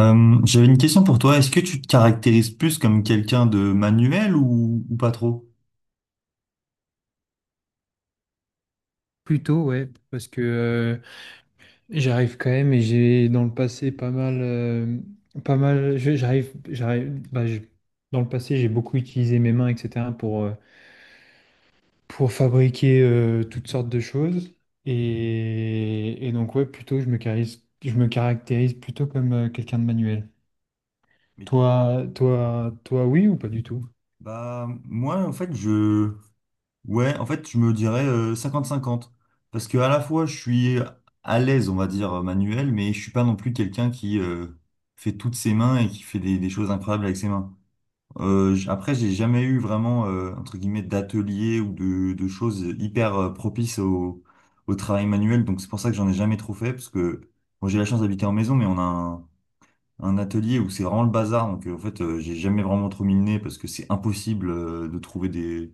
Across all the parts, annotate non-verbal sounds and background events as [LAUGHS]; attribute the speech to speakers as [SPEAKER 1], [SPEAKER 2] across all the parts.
[SPEAKER 1] J'avais une question pour toi. Est-ce que tu te caractérises plus comme quelqu'un de manuel ou pas trop?
[SPEAKER 2] Plutôt, ouais, parce que j'arrive quand même et j'ai dans le passé pas mal, pas mal, je- dans le passé j'ai beaucoup utilisé mes mains, etc. pour fabriquer toutes sortes de choses. Et donc, ouais, plutôt, je me caractérise plutôt comme quelqu'un de manuel.
[SPEAKER 1] Mais-
[SPEAKER 2] Toi, oui ou pas du tout?
[SPEAKER 1] bah, moi, en fait, je, ouais, en fait, je me dirais cinquante 50. Parce que à la fois, je suis à l'aise, on va dire, manuel, mais je suis pas non plus quelqu'un qui fait toutes ses mains et qui fait des choses incroyables avec ses mains. Après, j'ai jamais eu vraiment, entre guillemets, d'atelier ou de choses hyper propices au travail manuel. Donc, c'est pour ça que j'en ai jamais trop fait, parce que bon, j'ai la chance d'habiter en maison, mais on a un atelier où c'est vraiment le bazar. Donc, j'ai jamais vraiment trop mis le nez parce que c'est impossible, de trouver des,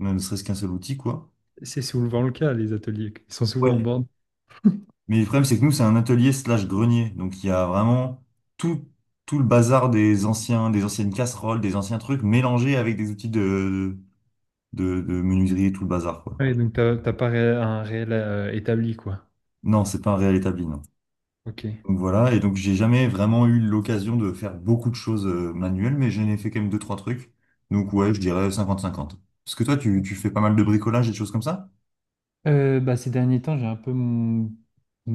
[SPEAKER 1] ne serait-ce qu'un seul outil, quoi.
[SPEAKER 2] C'est souvent le cas, les ateliers, ils sont souvent en
[SPEAKER 1] Ouais.
[SPEAKER 2] borne.
[SPEAKER 1] Mais le problème, c'est que nous, c'est un atelier slash grenier. Donc, il y a vraiment tout, tout le bazar des anciens, des anciennes casseroles, des anciens trucs mélangés avec des outils de menuiserie et tout le bazar, quoi.
[SPEAKER 2] Ouais, donc t'as pas un réel établi, quoi.
[SPEAKER 1] Non, c'est pas un réel établi, non.
[SPEAKER 2] Ok.
[SPEAKER 1] Donc voilà, et donc j'ai jamais vraiment eu l'occasion de faire beaucoup de choses manuelles, mais j'en ai fait quand même deux, trois trucs. Donc ouais, je dirais cinquante cinquante. Parce que toi, tu fais pas mal de bricolage et de choses comme ça?
[SPEAKER 2] Bah, ces derniers temps, j'ai un peu mon-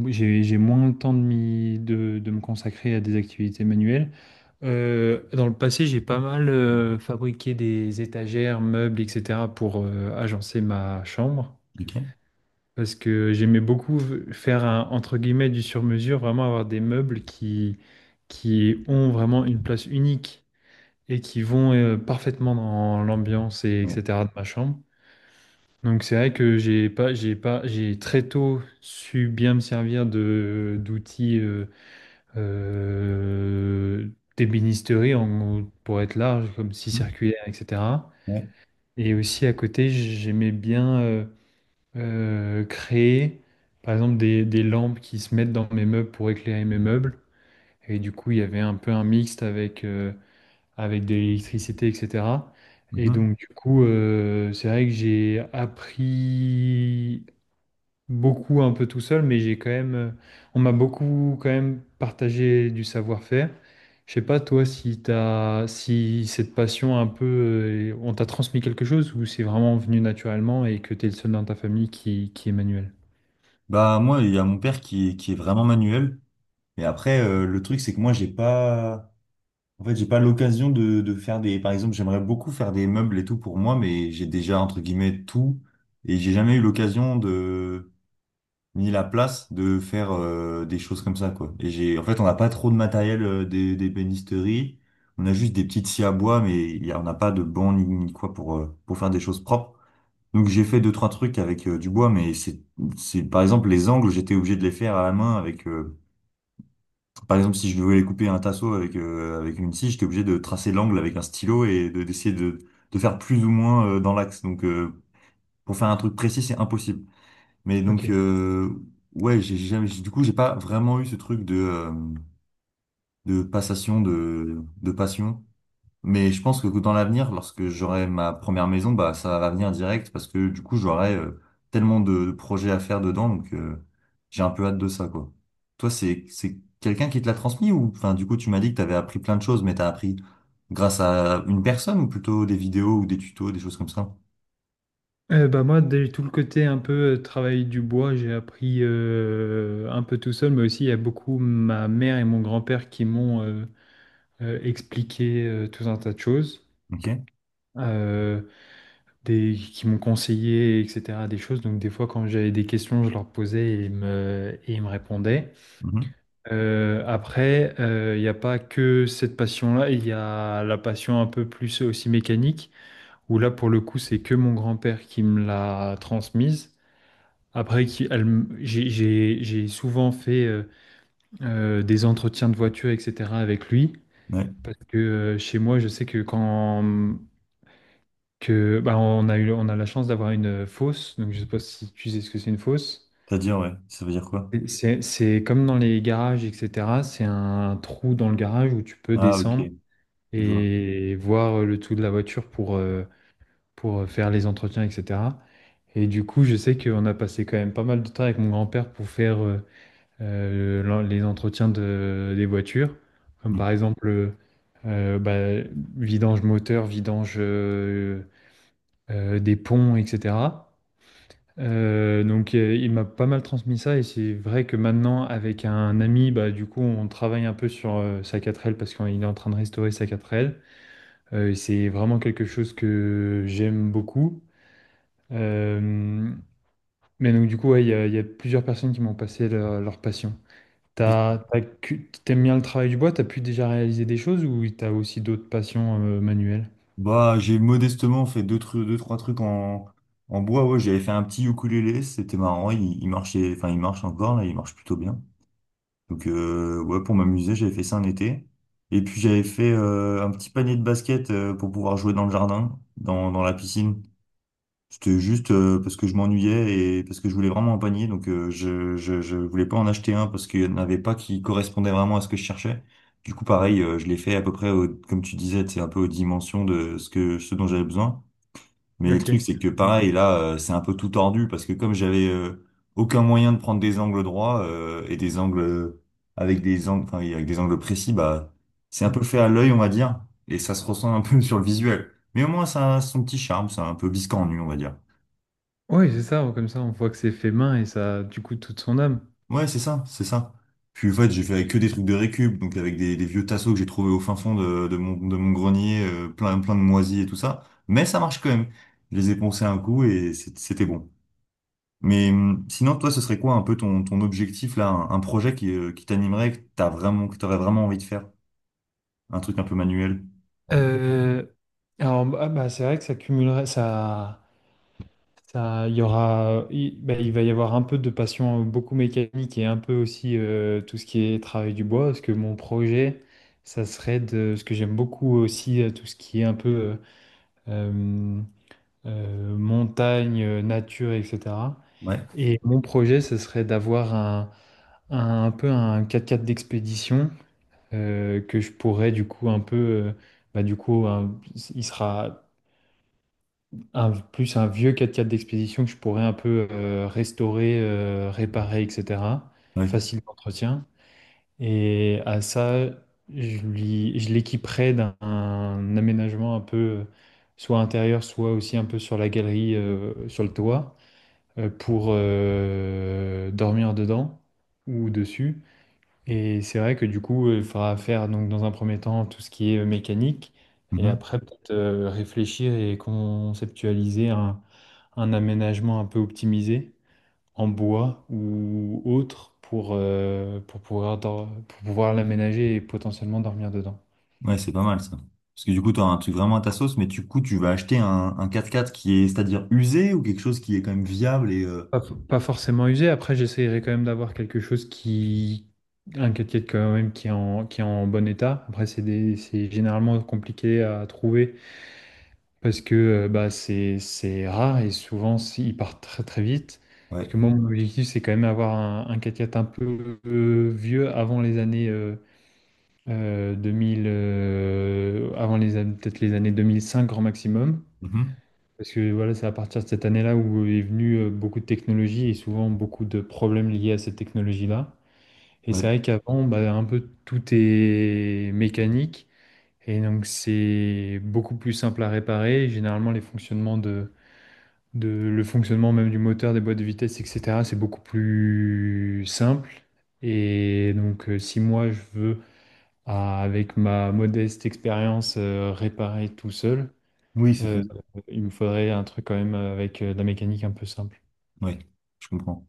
[SPEAKER 2] j'ai moins le temps de me consacrer à des activités manuelles. Dans le passé, j'ai pas mal fabriqué des étagères, meubles, etc. pour agencer ma chambre.
[SPEAKER 1] Ok.
[SPEAKER 2] Parce que j'aimais beaucoup faire un, entre guillemets, du sur-mesure, vraiment avoir des meubles qui ont vraiment une place unique et qui vont parfaitement dans l'ambiance et
[SPEAKER 1] Ouais.
[SPEAKER 2] etc. de ma chambre. Donc c'est vrai que j'ai pas, j'ai pas, j'ai très tôt su bien me servir de d'outils euh, d'ébénisterie pour être large, comme scie
[SPEAKER 1] Mhm.
[SPEAKER 2] circulaire, etc.
[SPEAKER 1] Ouais.
[SPEAKER 2] Et aussi à côté, j'aimais bien créer, par exemple, des lampes qui se mettent dans mes meubles pour éclairer mes meubles. Et du coup, il y avait un peu un mixte avec de l'électricité, etc. Et
[SPEAKER 1] Mhm.
[SPEAKER 2] donc, du coup, c'est vrai que j'ai appris beaucoup un peu tout seul, mais j'ai quand même, on m'a beaucoup quand même partagé du savoir-faire. Je sais pas toi si cette passion un peu, on t'a transmis quelque chose ou c'est vraiment venu naturellement et que t'es le seul dans ta famille qui est manuel.
[SPEAKER 1] Bah moi, il y a mon père qui est vraiment manuel. Et après, le truc, c'est que moi, j'ai pas... En fait, j'ai pas l'occasion de faire des... Par exemple, j'aimerais beaucoup faire des meubles et tout pour moi, mais j'ai déjà, entre guillemets, tout. Et j'ai jamais eu l'occasion de ni la place de faire des choses comme ça, quoi. Et on n'a pas trop de matériel euh, des. On a juste des petites scies à bois, mais on n'a pas de banc ni quoi pour faire des choses propres. Donc j'ai fait deux, trois trucs avec du bois, mais par exemple, les angles, j'étais obligé de les faire à la main avec, par exemple, si je voulais couper un tasseau avec une scie, j'étais obligé de tracer l'angle avec un stylo et d'essayer de faire plus ou moins dans l'axe. Donc, pour faire un truc précis, c'est impossible. Mais
[SPEAKER 2] Ok.
[SPEAKER 1] donc, ouais, j'ai jamais, j'ai- du coup, j'ai pas vraiment eu ce truc de passation, de passion. Mais je pense que dans l'avenir, lorsque j'aurai ma première maison, bah, ça va venir direct parce que du coup, j'aurai tellement de projets à faire dedans. Donc, j'ai un peu hâte de ça, quoi. Toi, c'est quelqu'un qui te l'a transmis ou, enfin, du coup, tu m'as dit que t'avais appris plein de choses, mais t'as appris grâce à une personne ou plutôt des vidéos ou des tutos, des choses comme ça?
[SPEAKER 2] Bah moi, dès tout le côté un peu travail du bois, j'ai appris un peu tout seul, mais aussi il y a beaucoup ma mère et mon grand-père qui m'ont expliqué tout un tas de choses.
[SPEAKER 1] Ok.
[SPEAKER 2] Euh, qui m'ont conseillé, etc., des choses. Donc, des fois, quand j'avais des questions, je leur posais et ils me répondaient.
[SPEAKER 1] Mhm.
[SPEAKER 2] Après, il n'y a pas que cette passion-là, il y a la passion un peu plus aussi mécanique, où là, pour le coup, c'est que mon grand-père qui me l'a transmise. Après, j'ai souvent fait des entretiens de voiture, etc., avec lui.
[SPEAKER 1] Ouais.
[SPEAKER 2] Parce que chez moi, je sais que quand que bah, on a la chance d'avoir une fosse. Donc, je sais pas si tu sais ce que c'est une fosse.
[SPEAKER 1] C'est-à-dire, ouais. Ça veut dire quoi?
[SPEAKER 2] C'est comme dans les garages, etc. C'est un trou dans le garage où tu peux
[SPEAKER 1] Ah, ok.
[SPEAKER 2] descendre
[SPEAKER 1] Je vois.
[SPEAKER 2] et voir le tout de la voiture pour faire les entretiens, etc. Et du coup, je sais qu'on a passé quand même pas mal de temps avec mon grand-père pour faire les entretiens des voitures. Comme
[SPEAKER 1] Mm.
[SPEAKER 2] par exemple, bah, vidange moteur, vidange des ponts, etc. Donc il m'a pas mal transmis ça et c'est vrai que maintenant avec un ami, bah, du coup, on travaille un peu sur, sa 4L parce qu'il est en train de restaurer sa 4L, et c'est vraiment quelque chose que j'aime beaucoup. Hem, mais donc du coup, ouais, il y a plusieurs personnes qui m'ont passé leur passion. Tu as bien le travail du bois? T'as pu déjà réaliser des choses ou t'as aussi d'autres passions, manuelles?
[SPEAKER 1] Bah, j'ai modestement fait deux trois trucs en bois. Ouais, j'avais fait un petit ukulélé, c'était marrant. Il marchait, enfin, il marche encore là, il marche plutôt bien. Donc, ouais, pour m'amuser, j'avais fait ça un été. Et puis, j'avais fait un petit panier de basket pour pouvoir jouer dans le jardin, dans la piscine. C'était juste parce que je m'ennuyais et parce que je voulais vraiment un panier. Donc je voulais pas en acheter un parce qu'il n'y en avait pas qui correspondait vraiment à ce que je cherchais. Du coup, pareil, je l'ai fait à peu près, au- comme tu disais, c'est un peu aux dimensions de ce que ce dont j'avais besoin. Mais le truc,
[SPEAKER 2] OK.
[SPEAKER 1] c'est que pareil, là, c'est un peu tout tordu parce que comme j'avais aucun moyen de prendre des angles droits et des angles avec des angles, enfin, avec des angles précis, bah c'est un
[SPEAKER 2] Mmh.
[SPEAKER 1] peu fait à l'œil, on va dire, et ça se ressent un peu [LAUGHS] sur le visuel. Mais au moins, ça a son petit charme, c'est un peu biscornu, on va dire.
[SPEAKER 2] Oui, c'est ça, comme ça, on voit que c'est fait main et ça a, du coup, toute son âme.
[SPEAKER 1] Ouais, c'est ça, c'est ça. Puis en fait, j'ai fait avec que des trucs de récup, donc avec des vieux tasseaux que j'ai trouvés au fin fond de mon grenier, plein, plein de moisis et tout ça. Mais ça marche quand même. Je les ai poncés un coup et c'était bon. Mais sinon, toi, ce serait quoi un peu ton objectif là, un projet qui t'animerait, que t'aurais vraiment envie de faire? Un truc un peu manuel.
[SPEAKER 2] Euh, alors, bah, ah bah, c'est vrai que ça cumulerait, ça, il y aura, il, bah, il va y avoir un peu de passion beaucoup mécanique et un peu aussi tout ce qui est travail du bois, parce que mon projet, ce que j'aime beaucoup aussi, tout ce qui est un peu euh, montagne, nature, etc.
[SPEAKER 1] Ouais,
[SPEAKER 2] Et mon projet, ce serait d'avoir un peu un 4x4 d'expédition que je pourrais du coup un peu, bah, du coup, il sera plus un vieux quatre-quatre 4 d'expédition que je pourrais un peu restaurer, réparer, etc.
[SPEAKER 1] ouais.
[SPEAKER 2] Facile d'entretien. Et à ça, je l'équiperais d'un un aménagement un peu, soit intérieur, soit aussi un peu sur la galerie, sur le toit, pour dormir dedans ou dessus. Et c'est vrai que du coup, il faudra faire donc dans un premier temps tout ce qui est mécanique, et
[SPEAKER 1] Mhm.
[SPEAKER 2] après peut-être réfléchir et conceptualiser un aménagement un peu optimisé en bois ou autre pour pouvoir l'aménager et potentiellement dormir dedans.
[SPEAKER 1] Ouais, c'est pas mal ça. Parce que du coup, t'auras un truc vraiment à ta sauce, mais du coup, tu vas acheter un quatre quatre qui est, c'est-à-dire usé ou quelque chose qui est quand même viable et
[SPEAKER 2] Pas forcément usé, après j'essayerai quand même d'avoir quelque chose qui... Un 4 quand même qui est en bon état. Après, c'est généralement compliqué à trouver. Parce que bah, c'est rare et souvent ils partent très très vite. Parce que
[SPEAKER 1] ouais.
[SPEAKER 2] moi, mon objectif, c'est quand même avoir un quatre x un peu vieux avant les années 2000, peut-être les années 2005 grand maximum.
[SPEAKER 1] Mhm.
[SPEAKER 2] Parce que voilà, c'est à partir de cette année-là où est venu beaucoup de technologies et souvent beaucoup de problèmes liés à cette technologie-là. Et c'est
[SPEAKER 1] Ouais.
[SPEAKER 2] vrai qu'avant, bah, un peu tout est mécanique. Et donc, c'est beaucoup plus simple à réparer. Généralement, les fonctionnements de le fonctionnement même du moteur, des boîtes de vitesse, etc. C'est beaucoup plus simple. Et donc, si moi je veux, avec ma modeste expérience, réparer tout seul,
[SPEAKER 1] Oui, c'est
[SPEAKER 2] euh,
[SPEAKER 1] faisable.
[SPEAKER 2] il me faudrait un truc quand même avec de la mécanique un peu simple.
[SPEAKER 1] Oui, je comprends.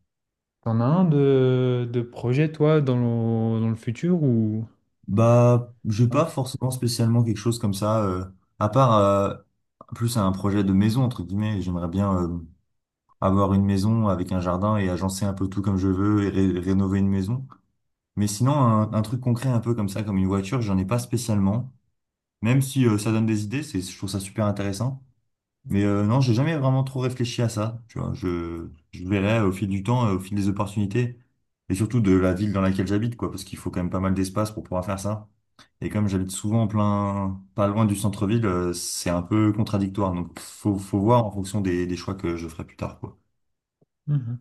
[SPEAKER 2] T'en as un de projet, toi, dans dans le futur ou...
[SPEAKER 1] Bah, j'ai pas forcément spécialement quelque chose comme ça, à part plus un projet de maison, entre guillemets. J'aimerais bien avoir une maison avec un jardin et agencer un peu tout comme je veux et rénover une maison. Mais sinon, un truc concret un peu comme ça, comme une voiture, j'en ai pas spécialement. Même si ça donne des idées, c'est, je trouve ça super intéressant. Mais non, j'ai jamais vraiment trop réfléchi à ça. Tu vois, je verrai au fil du temps, au fil des opportunités, et surtout de la ville dans laquelle j'habite, quoi, parce qu'il faut quand même pas mal d'espace pour pouvoir faire ça. Et comme j'habite souvent en plein, pas loin du centre-ville, c'est un peu contradictoire. Donc, faut voir en fonction des choix que je ferai plus tard, quoi.
[SPEAKER 2] Hein.